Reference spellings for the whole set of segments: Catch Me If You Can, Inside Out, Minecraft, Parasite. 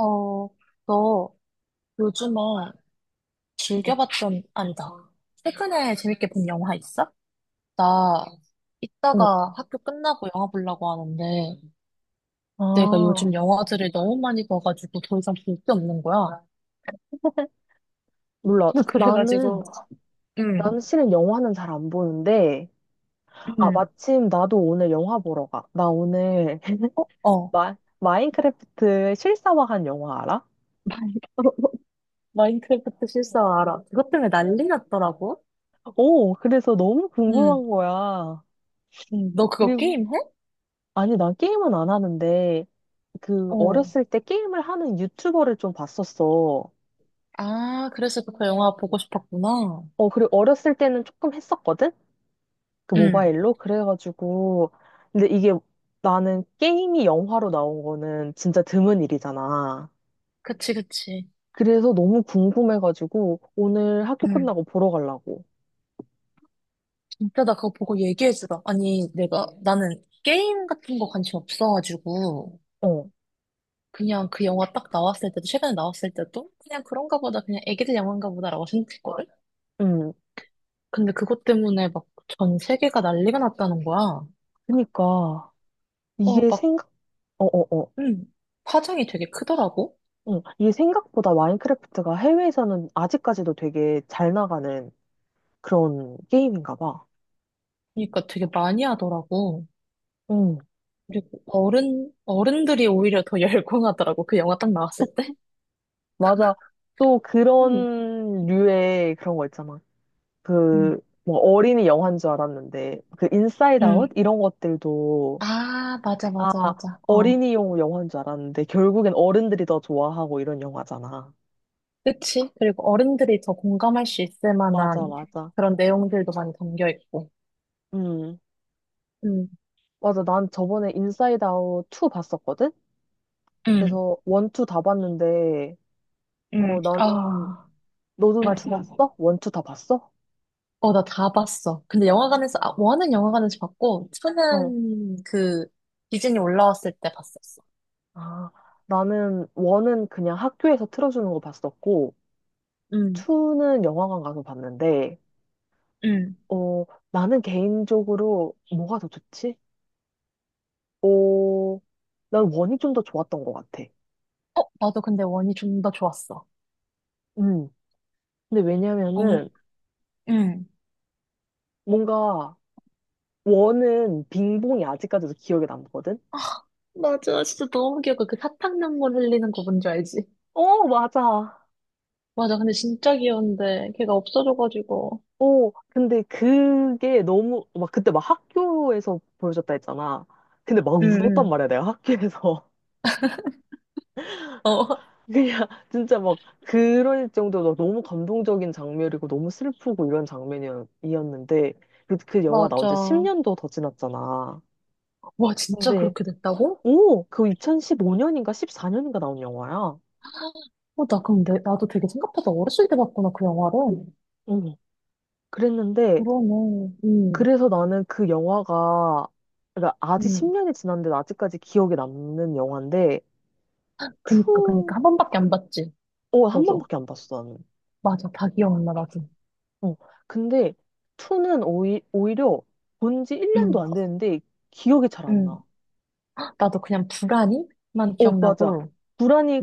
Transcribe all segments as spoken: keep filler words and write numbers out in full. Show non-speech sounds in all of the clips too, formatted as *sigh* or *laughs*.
어, 너 요즘에 어, 즐겨봤던, 아니다. 최근에 재밌게 본 영화 있어? 나 어. 이따가 학교 끝나고 영화 보려고 하는데 내가 아, 요즘 영화들을 너무 많이 봐가지고 더 이상 볼 게 없는 거야. 몰라. *laughs* 그래가지고, 나는, 응, 나는 실은 영화는 잘 안 보는데, 아, 응, 마침 나도 오늘 영화 보러 가. 나 오늘 *laughs* 어. 마, 마인크래프트 실사화한 영화 알아? 마인- *laughs* 마인크래프트 실사 알아. 그것 때문에 난리 났더라고. 오, 그래서 너무 응, 궁금한 거야. 응. 너 그거 그리고, 게임해? 아니, 난 게임은 안 하는데, 그, 어. 어렸을 때 게임을 하는 유튜버를 좀 봤었어. 아, 그래서 그 영화 보고 싶었구나. 어, 그리고 어렸을 때는 조금 했었거든? 그 응. 모바일로 그래가지고 근데 이게 나는 게임이 영화로 나온 거는 진짜 드문 일이잖아. 그치, 그치. 그래서 너무 궁금해가지고 오늘 학교 응. 끝나고 보러 가려고. 진짜 나 그거 보고 얘기해주라. 아니, 내가, 네. 나는 게임 같은 거 관심 없어가지고, 어, 그냥 그 영화 딱 나왔을 때도, 최근에 나왔을 때도, 그냥 그런가 보다, 그냥 애기들 영화인가 보다라고 생각했거든? 음, 근데 그것 때문에 막 전 세계가 난리가 났다는 거야. 그니까 어, 이게 막, 생각, 어, 어, 어, 음, 파장이 되게 크더라고. 응, 이게 생각보다 마인크래프트가 해외에서는 아직까지도 되게 잘 나가는 그런 게임인가 봐. 그러니까 되게 많이 하더라고. 응, 그리고 어른, 어른들이 오히려 더 *laughs* 열광하더라고. 그 영화 딱 나왔을 때. 맞아. 또 음, 그런 류의 그런 거 있잖아. 음, 그, 뭐, 어린이 영화인 줄 알았는데, 그, 인사이드 아웃? 음. 이런 것들도, 아, 맞아, 아, 맞아, 맞아. 어, 어린이용 영화인 줄 알았는데, 결국엔 어른들이 더 좋아하고 이런 영화잖아. 그치? 그리고 어른들이 더 공감할 수 있을 맞아, 만한 맞아. 그런 내용들도 많이 담겨 있고. 음, 음, 맞아. 난 저번에 인사이드 아웃 투 봤었거든? 응, 그래서 원, 투 다 봤는데, 응, 어, 나는, 아, 너는 투 맞아. 봤어? 원, 투 다 봤어? 어, 나 다 봤어. 근데 영화관에서, 아, 원은 영화관에서 봤고, 어. 투는 그, 디즈니 올라왔을 때 봤었어. 아, 나는 원은 그냥 학교에서 틀어주는 거 봤었고, 음. 투는 영화관 가서 봤는데, 응, 어, 나는 개인적으로 뭐가 더 좋지? 어, 난 원이 좀 더 좋았던 것 같아. 어, 나도 근데 원이 좀 더 좋았어. 음. 근데 어, 왜냐면은 응. 뭔가 원은 빙봉이 아직까지도 기억에 남거든? 맞아, 진짜 너무 귀여워. 그 사탕 눈물 흘리는 거 뭔지 알지? 어, 맞아. 맞아, 근데 진짜 귀여운데, 걔가 없어져가지고. 어, 근데 그게 너무, 막 그때 막 학교에서 보여줬다 했잖아. 근데 막 응, 울었단 응. 말이야, 내가 학교에서. 어, 그냥 *laughs* *laughs* 진짜 막 그럴 정도로 너무 감동적인 장면이고 너무 슬프고 이런 장면이었는데 그, 그 영화 나온 지 맞아. 십 년도 더 지났잖아. 와, 진짜 근데 그렇게 됐다고? 오, 그 이천십오 년인가 십사 년인가 나온 영화야. 어, 나 그럼 내, 나도 되게 생각보다 어렸을 때 봤구나, 그 영화를. 응. 그랬는데 그러네. 음, 그래서 나는 그 영화가 그러니까 아직 음. 십 년이 지났는데 아직까지 기억에 남는 영화인데 그니까, 그니까. 투 한 번밖에 안 봤지, 어, 한 너도. 번밖에 안 봤어 나는. 맞아, 다 기억 안 나, 나도. 어. 근데 투는 오히, 오히려 본 지 음, 일 년도 안 됐는데 기억이 잘 안 음. 나. 나도 그냥 불안이만 어, 맞아. 기억나고,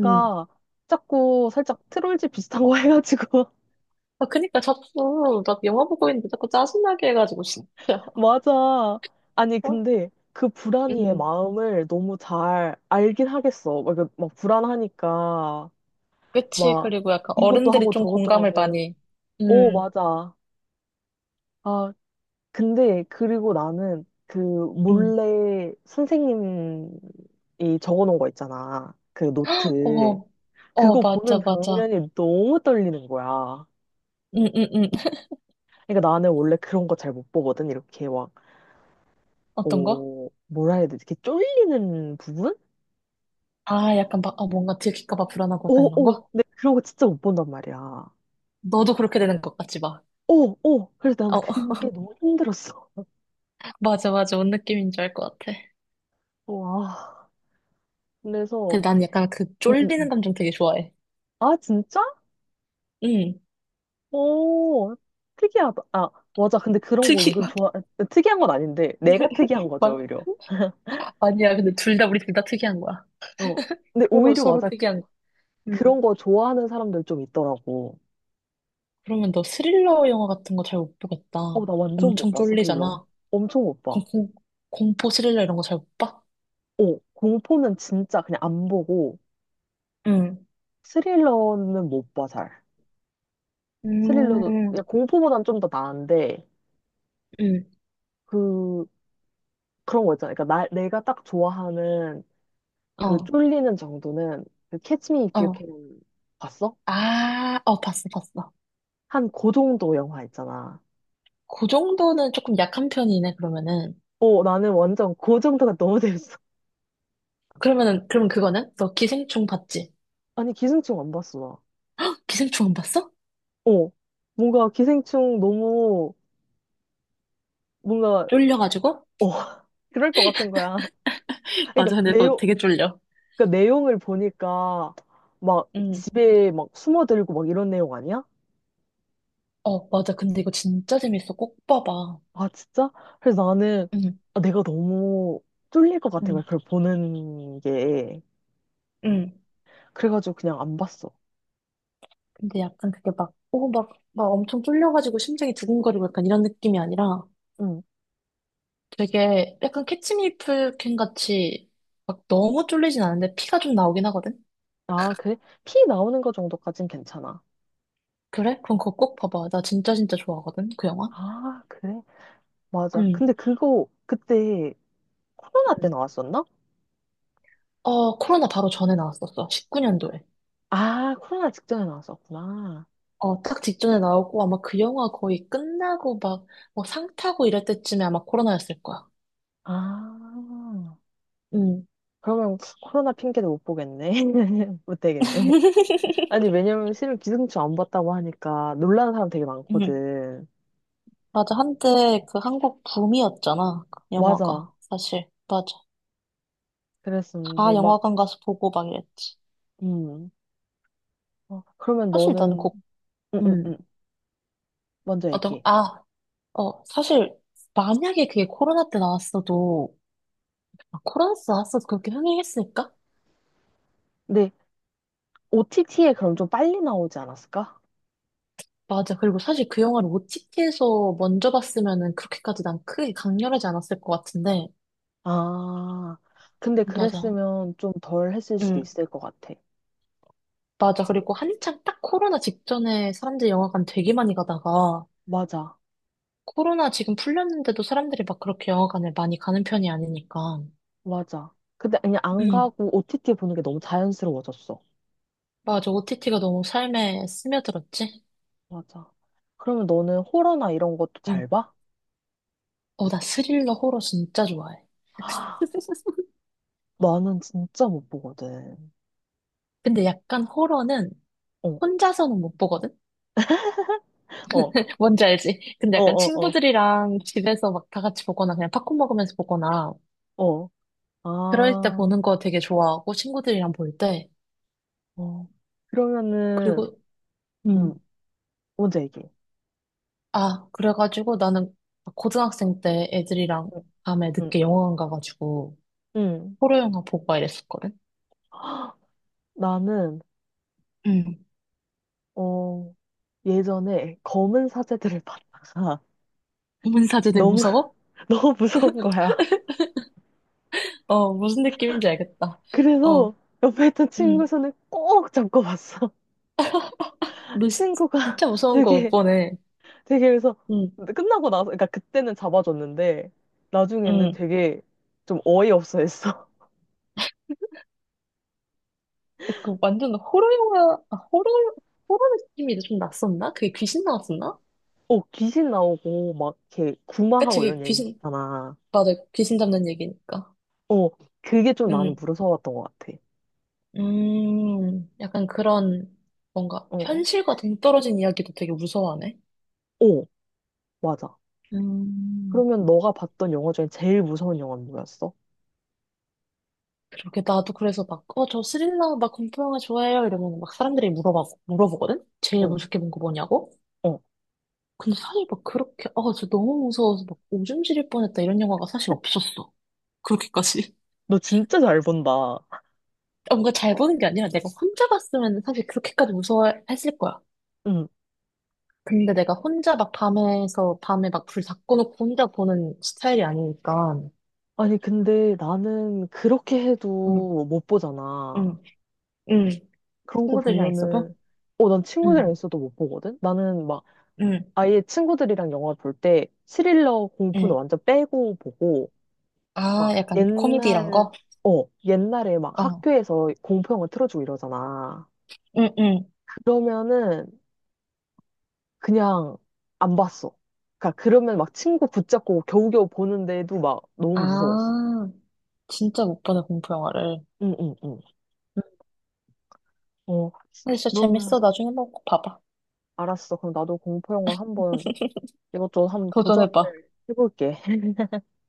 음. 자꾸 살짝 트롤즈 비슷한 거 *laughs* 해가지고. 아, 그니까 자꾸, 나 영화 보고 있는데 자꾸 짜증나게 해가지고, 진짜. *laughs* 맞아. 아니, 어? 근데 그 불안이의 음, 마음을 너무 잘 알긴 하겠어. 막, 이렇게 막 불안하니까, 그치. 막, 그리고 약간 이것도 어른들이 하고 좀 저것도 공감을 하고. 많이, 오 음, 맞아. 아, 근데, 그리고 나는 그 음. 몰래 선생님이 적어놓은 거 있잖아. 그 노트. 어, 어, 그거 보는 맞아, 맞아. 장면이 너무 떨리는 거야. 음, 음, 음. 그러니까 나는 원래 그런 거 잘 못 보거든. 이렇게 막, 어떤 거? 어, 뭐라 해야 되지? 이렇게 쫄리는 부분? 아, 약간 막, 어, 뭔가 들킬까 봐 불안하고 약간 오, 이런 오. 거? 근데 그런 거 진짜 못 본단 말이야. 너도 그렇게 되는 것 같지, 막. 오, 오. 그래서 난 어, *laughs* 그게 너무 힘들었어. 어, 맞아, 맞아. 뭔 느낌인 줄 알 것 같아. 와. 그래서, 근데 난 약간 그 응응응. 쫄리는 감정 되게 좋아해. 아, 진짜? 응. 오, 특이하다. 아, 맞아. 근데 그런 거 특이, 은근 좋아. 아, 특이한 건 아닌데, 내가 특이한 *laughs* 거죠, 막, 오히려. 아니야. 근데 둘 다, 우리 둘 다 특이한 거야. 어. 근데 서로, 오히려 서로 맞아. 그- 특이한 거. 응. 그런 거 좋아하는 사람들 좀 있더라고. 그러면 너 스릴러 영화 같은 거 잘 못 보겠다. 어, 나 완전 못 엄청 봐, 스릴러. 쫄리잖아. 엄청 못 봐. 그럼 공, 공포 스릴러 이런 거 잘 못 봐? 어, 공포는 진짜 그냥 안 보고 응. 스릴러는 못 봐, 잘. 스릴러도 음, 그냥 공포보단 좀 더 나은데 응. 그 그런 거 있잖아. 그러니까 나, 내가 딱 좋아하는 그 어, 쫄리는 정도는 그 Catch Me If You 어. Can 봤어? 아, 어, 봤어, 봤어. 한 그 정도 영화 있잖아. 그 정도는 조금 약한 편이네, 그러면은. 어, 나는 완전 그 정도가 너무 재밌어. *laughs* 그러면은, 그럼 그거는? 너 기생충 봤지? 아니, 기생충 안 봤어, 기생충 안 봤어? 나. 어, 뭔가 기생충 너무 뭔가 쫄려가지고? 어, *laughs* 그럴 것 같은 거야. *laughs* 그러니까 맞아, 근데 너 내용 되게 쫄려. 그러니까 내용을 보니까 막 응. 집에 막 숨어들고 막 이런 내용 아니야? 어, 맞아. 근데 이거 진짜 재밌어. 꼭 봐봐. 아, 진짜? 그래서 나는 응, 아, 내가 너무 쫄릴 것 같은 응, 거야, 그걸 보는 게. 응. 그래가지고 그냥 안 봤어. 근데 약간 그게 막, 오, 막, 막 엄청 쫄려가지고 심장이 두근거리고 약간 이런 느낌이 아니라 응. 되게 약간 캐치미플캔 같이 막 너무 쫄리진 않은데 피가 좀 나오긴 하거든? 아, 그래? 피 나오는 거 정도까진 괜찮아. 그래? 그럼 그거 꼭 봐봐. 나 진짜 진짜 좋아하거든, 그 영화. 아, 그래? 맞아. 응. 근데 그거 그때 코로나 때 응. 나왔었나? 어, 코로나 바로 전에 나왔었어. 십구 년도에. 아, 코로나 직전에 나왔었구나. 어, 딱 직전에 나오고 아마 그 영화 거의 끝나고 막 뭐 상 타고 이럴 때쯤에 아마 코로나였을 거야. 아, 응. 그러면 코로나 핑계도 못 보겠네. *laughs* 못 되겠네. *laughs* 아니, 왜냐면 실은 기생충 안 봤다고 하니까 놀라는 사람 되게 응. 많거든. 맞아. 한때 그 한국 붐이었잖아. 그 맞아. 영화가. 사실. 맞아. 다 그랬었는데, 막, 영화관 가서 보고 막 이랬지. 음. 어, 그러면 사실 나는 너는, 곡, 음, 음, 음. 음. 먼저 어떤, 얘기해. 아, 어, 사실 만약에 그게 코로나 때 나왔어도, 아, 코로나 때 나왔어도 그렇게 흥행했을까? 근데 오티티에 그럼 좀 빨리 나오지 않았을까? 맞아. 그리고 사실 그 영화를 오티티에서 먼저 봤으면은 그렇게까지 난 크게 강렬하지 않았을 것 같은데. 아, 근데 맞아. 그랬으면 좀 덜 했을 수도 응, 있을 것 같아. 맞아. 그리고 한창 딱 코로나 직전에 사람들이 영화관 되게 많이 가다가 맞아. 코로나 지금 풀렸는데도 사람들이 막 그렇게 영화관을 많이 가는 편이 아니니까. 맞아. 근데 그냥 안 응. 가고 오티티 보는 게 너무 자연스러워졌어. 맞아. 오티티가 너무 삶에 스며들었지? 맞아. 그러면 너는 호러나 이런 것도 잘 응. 봐? 어, 나 스릴러 호러 진짜 좋아해. 아, *laughs* 나는 진짜 못 보거든. 근데 약간 호러는 어, 혼자서는 못 보거든? 어. 뭔지 알지? 근데 어, 약간 어, 친구들이랑 집에서 막 다 같이 보거나 그냥 팝콘 먹으면서 보거나 어, 어. 그럴 때 아, 보는 거 되게 좋아하고 친구들이랑 볼 때. 어. 그러면은, 그리고, 음, 음, 먼저 얘기해. 아, 그래가지고 나는 고등학생 때 애들이랑 응, 밤에 응, 늦게 영화관 가가지고 응. 호러 영화 보고 막 이랬었거든? *gasps* 헉, 나는, 응. 어, 예전에 검은 사제들을 봤다가 문사제들 너무, 무서워? *laughs* 너무 무서운 거야. 어, 무슨 느낌인지 알겠다. 어, 그래서 옆에 있던 친구 음, 손을 꼭 잡고 봤어. 너 *laughs* 시- 친구가 진짜 무서운 거 못 되게, 보네. 되게 그래서 음, 끝나고 나서, 그러니까 그때는 잡아줬는데, 나중에는 음. 되게 좀 어이없어 했어. 그 완전 호러 영화, 아, 호러, 호러 느낌이 좀 났었나? 그게 귀신 나왔었나? *laughs* 어, 귀신 나오고 막 이렇게 그치, 구마하고 그게 이런 얘기 귀신, 있잖아. 맞아. 귀신 잡는 얘기니까. 어, 그게 좀 나는 음, 무서웠던 것 같아. 음, 약간 그런, 뭔가, 어, 현실과 동떨어진 이야기도 되게 무서워하네. 어, 맞아. 음, 그러면 너가 봤던 영화 중에 제일 무서운 영화는 뭐였어? 그렇게 나도 그래서 막, 어, 저 스릴러, 막 공포 영화 좋아해요. 이러면 막 사람들이 물어봐, 물어보거든? 제일 어, 무섭게 본 거 뭐냐고? 어, 근데 사실 막 그렇게, 아, 저 너무 무서워서 막 오줌 지릴 뻔했다 이런 영화가 사실 없었어. 그렇게까지. 너 진짜 잘 본다. 뭔가 잘 보는 게 아니라 내가 혼자 봤으면 사실 그렇게까지 무서워했을 거야. 응. 근데 내가 혼자 막 밤에서 밤에 막 불 다 꺼놓고 혼자 보는 스타일이 아니니까. 아니, 근데 나는 그렇게 응, 해도 못 보잖아. 응, 응. 그런 거 친구들이랑 있어도? 보면은, 어, 난 친구들이랑 응, 있어도 못 보거든? 나는 막 응, 아예 친구들이랑 영화 볼 때 스릴러 공포는 응. 완전 빼고 보고, 아, 막 약간 코미디 이런 옛날, 거? 옛날에 막 어, 학교에서 공포영화 틀어주고 이러잖아. 응, 응. 그러면은, 그냥 안 봤어. 그러니까 그러면 막 친구 붙잡고 겨우겨우 보는데도 막 아, 너무 무서웠어. 진짜 못 보네, 공포 영화를. 응, 응, 응. 응. 어, 근데 진짜 그러면 재밌어. 나중에 한번 꼭 봐봐. 알았어. 그럼 나도 공포 영화 한번 이것저것 한번 도전을 도전해봐. 해볼게.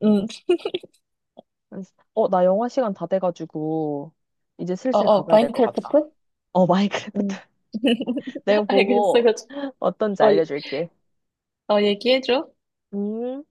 응, *laughs* 어, 나 영화 시간 다 돼가지고 이제 어, 슬슬 어, 가봐야 될 것 마인크래프트? 같다. 어, 마이크래프트. 응. *laughs* 내가 *laughs* 알겠어, 보고 그거 좀- 어떤지 어, 예- 알려줄게. 어, 얘기해줘. 음.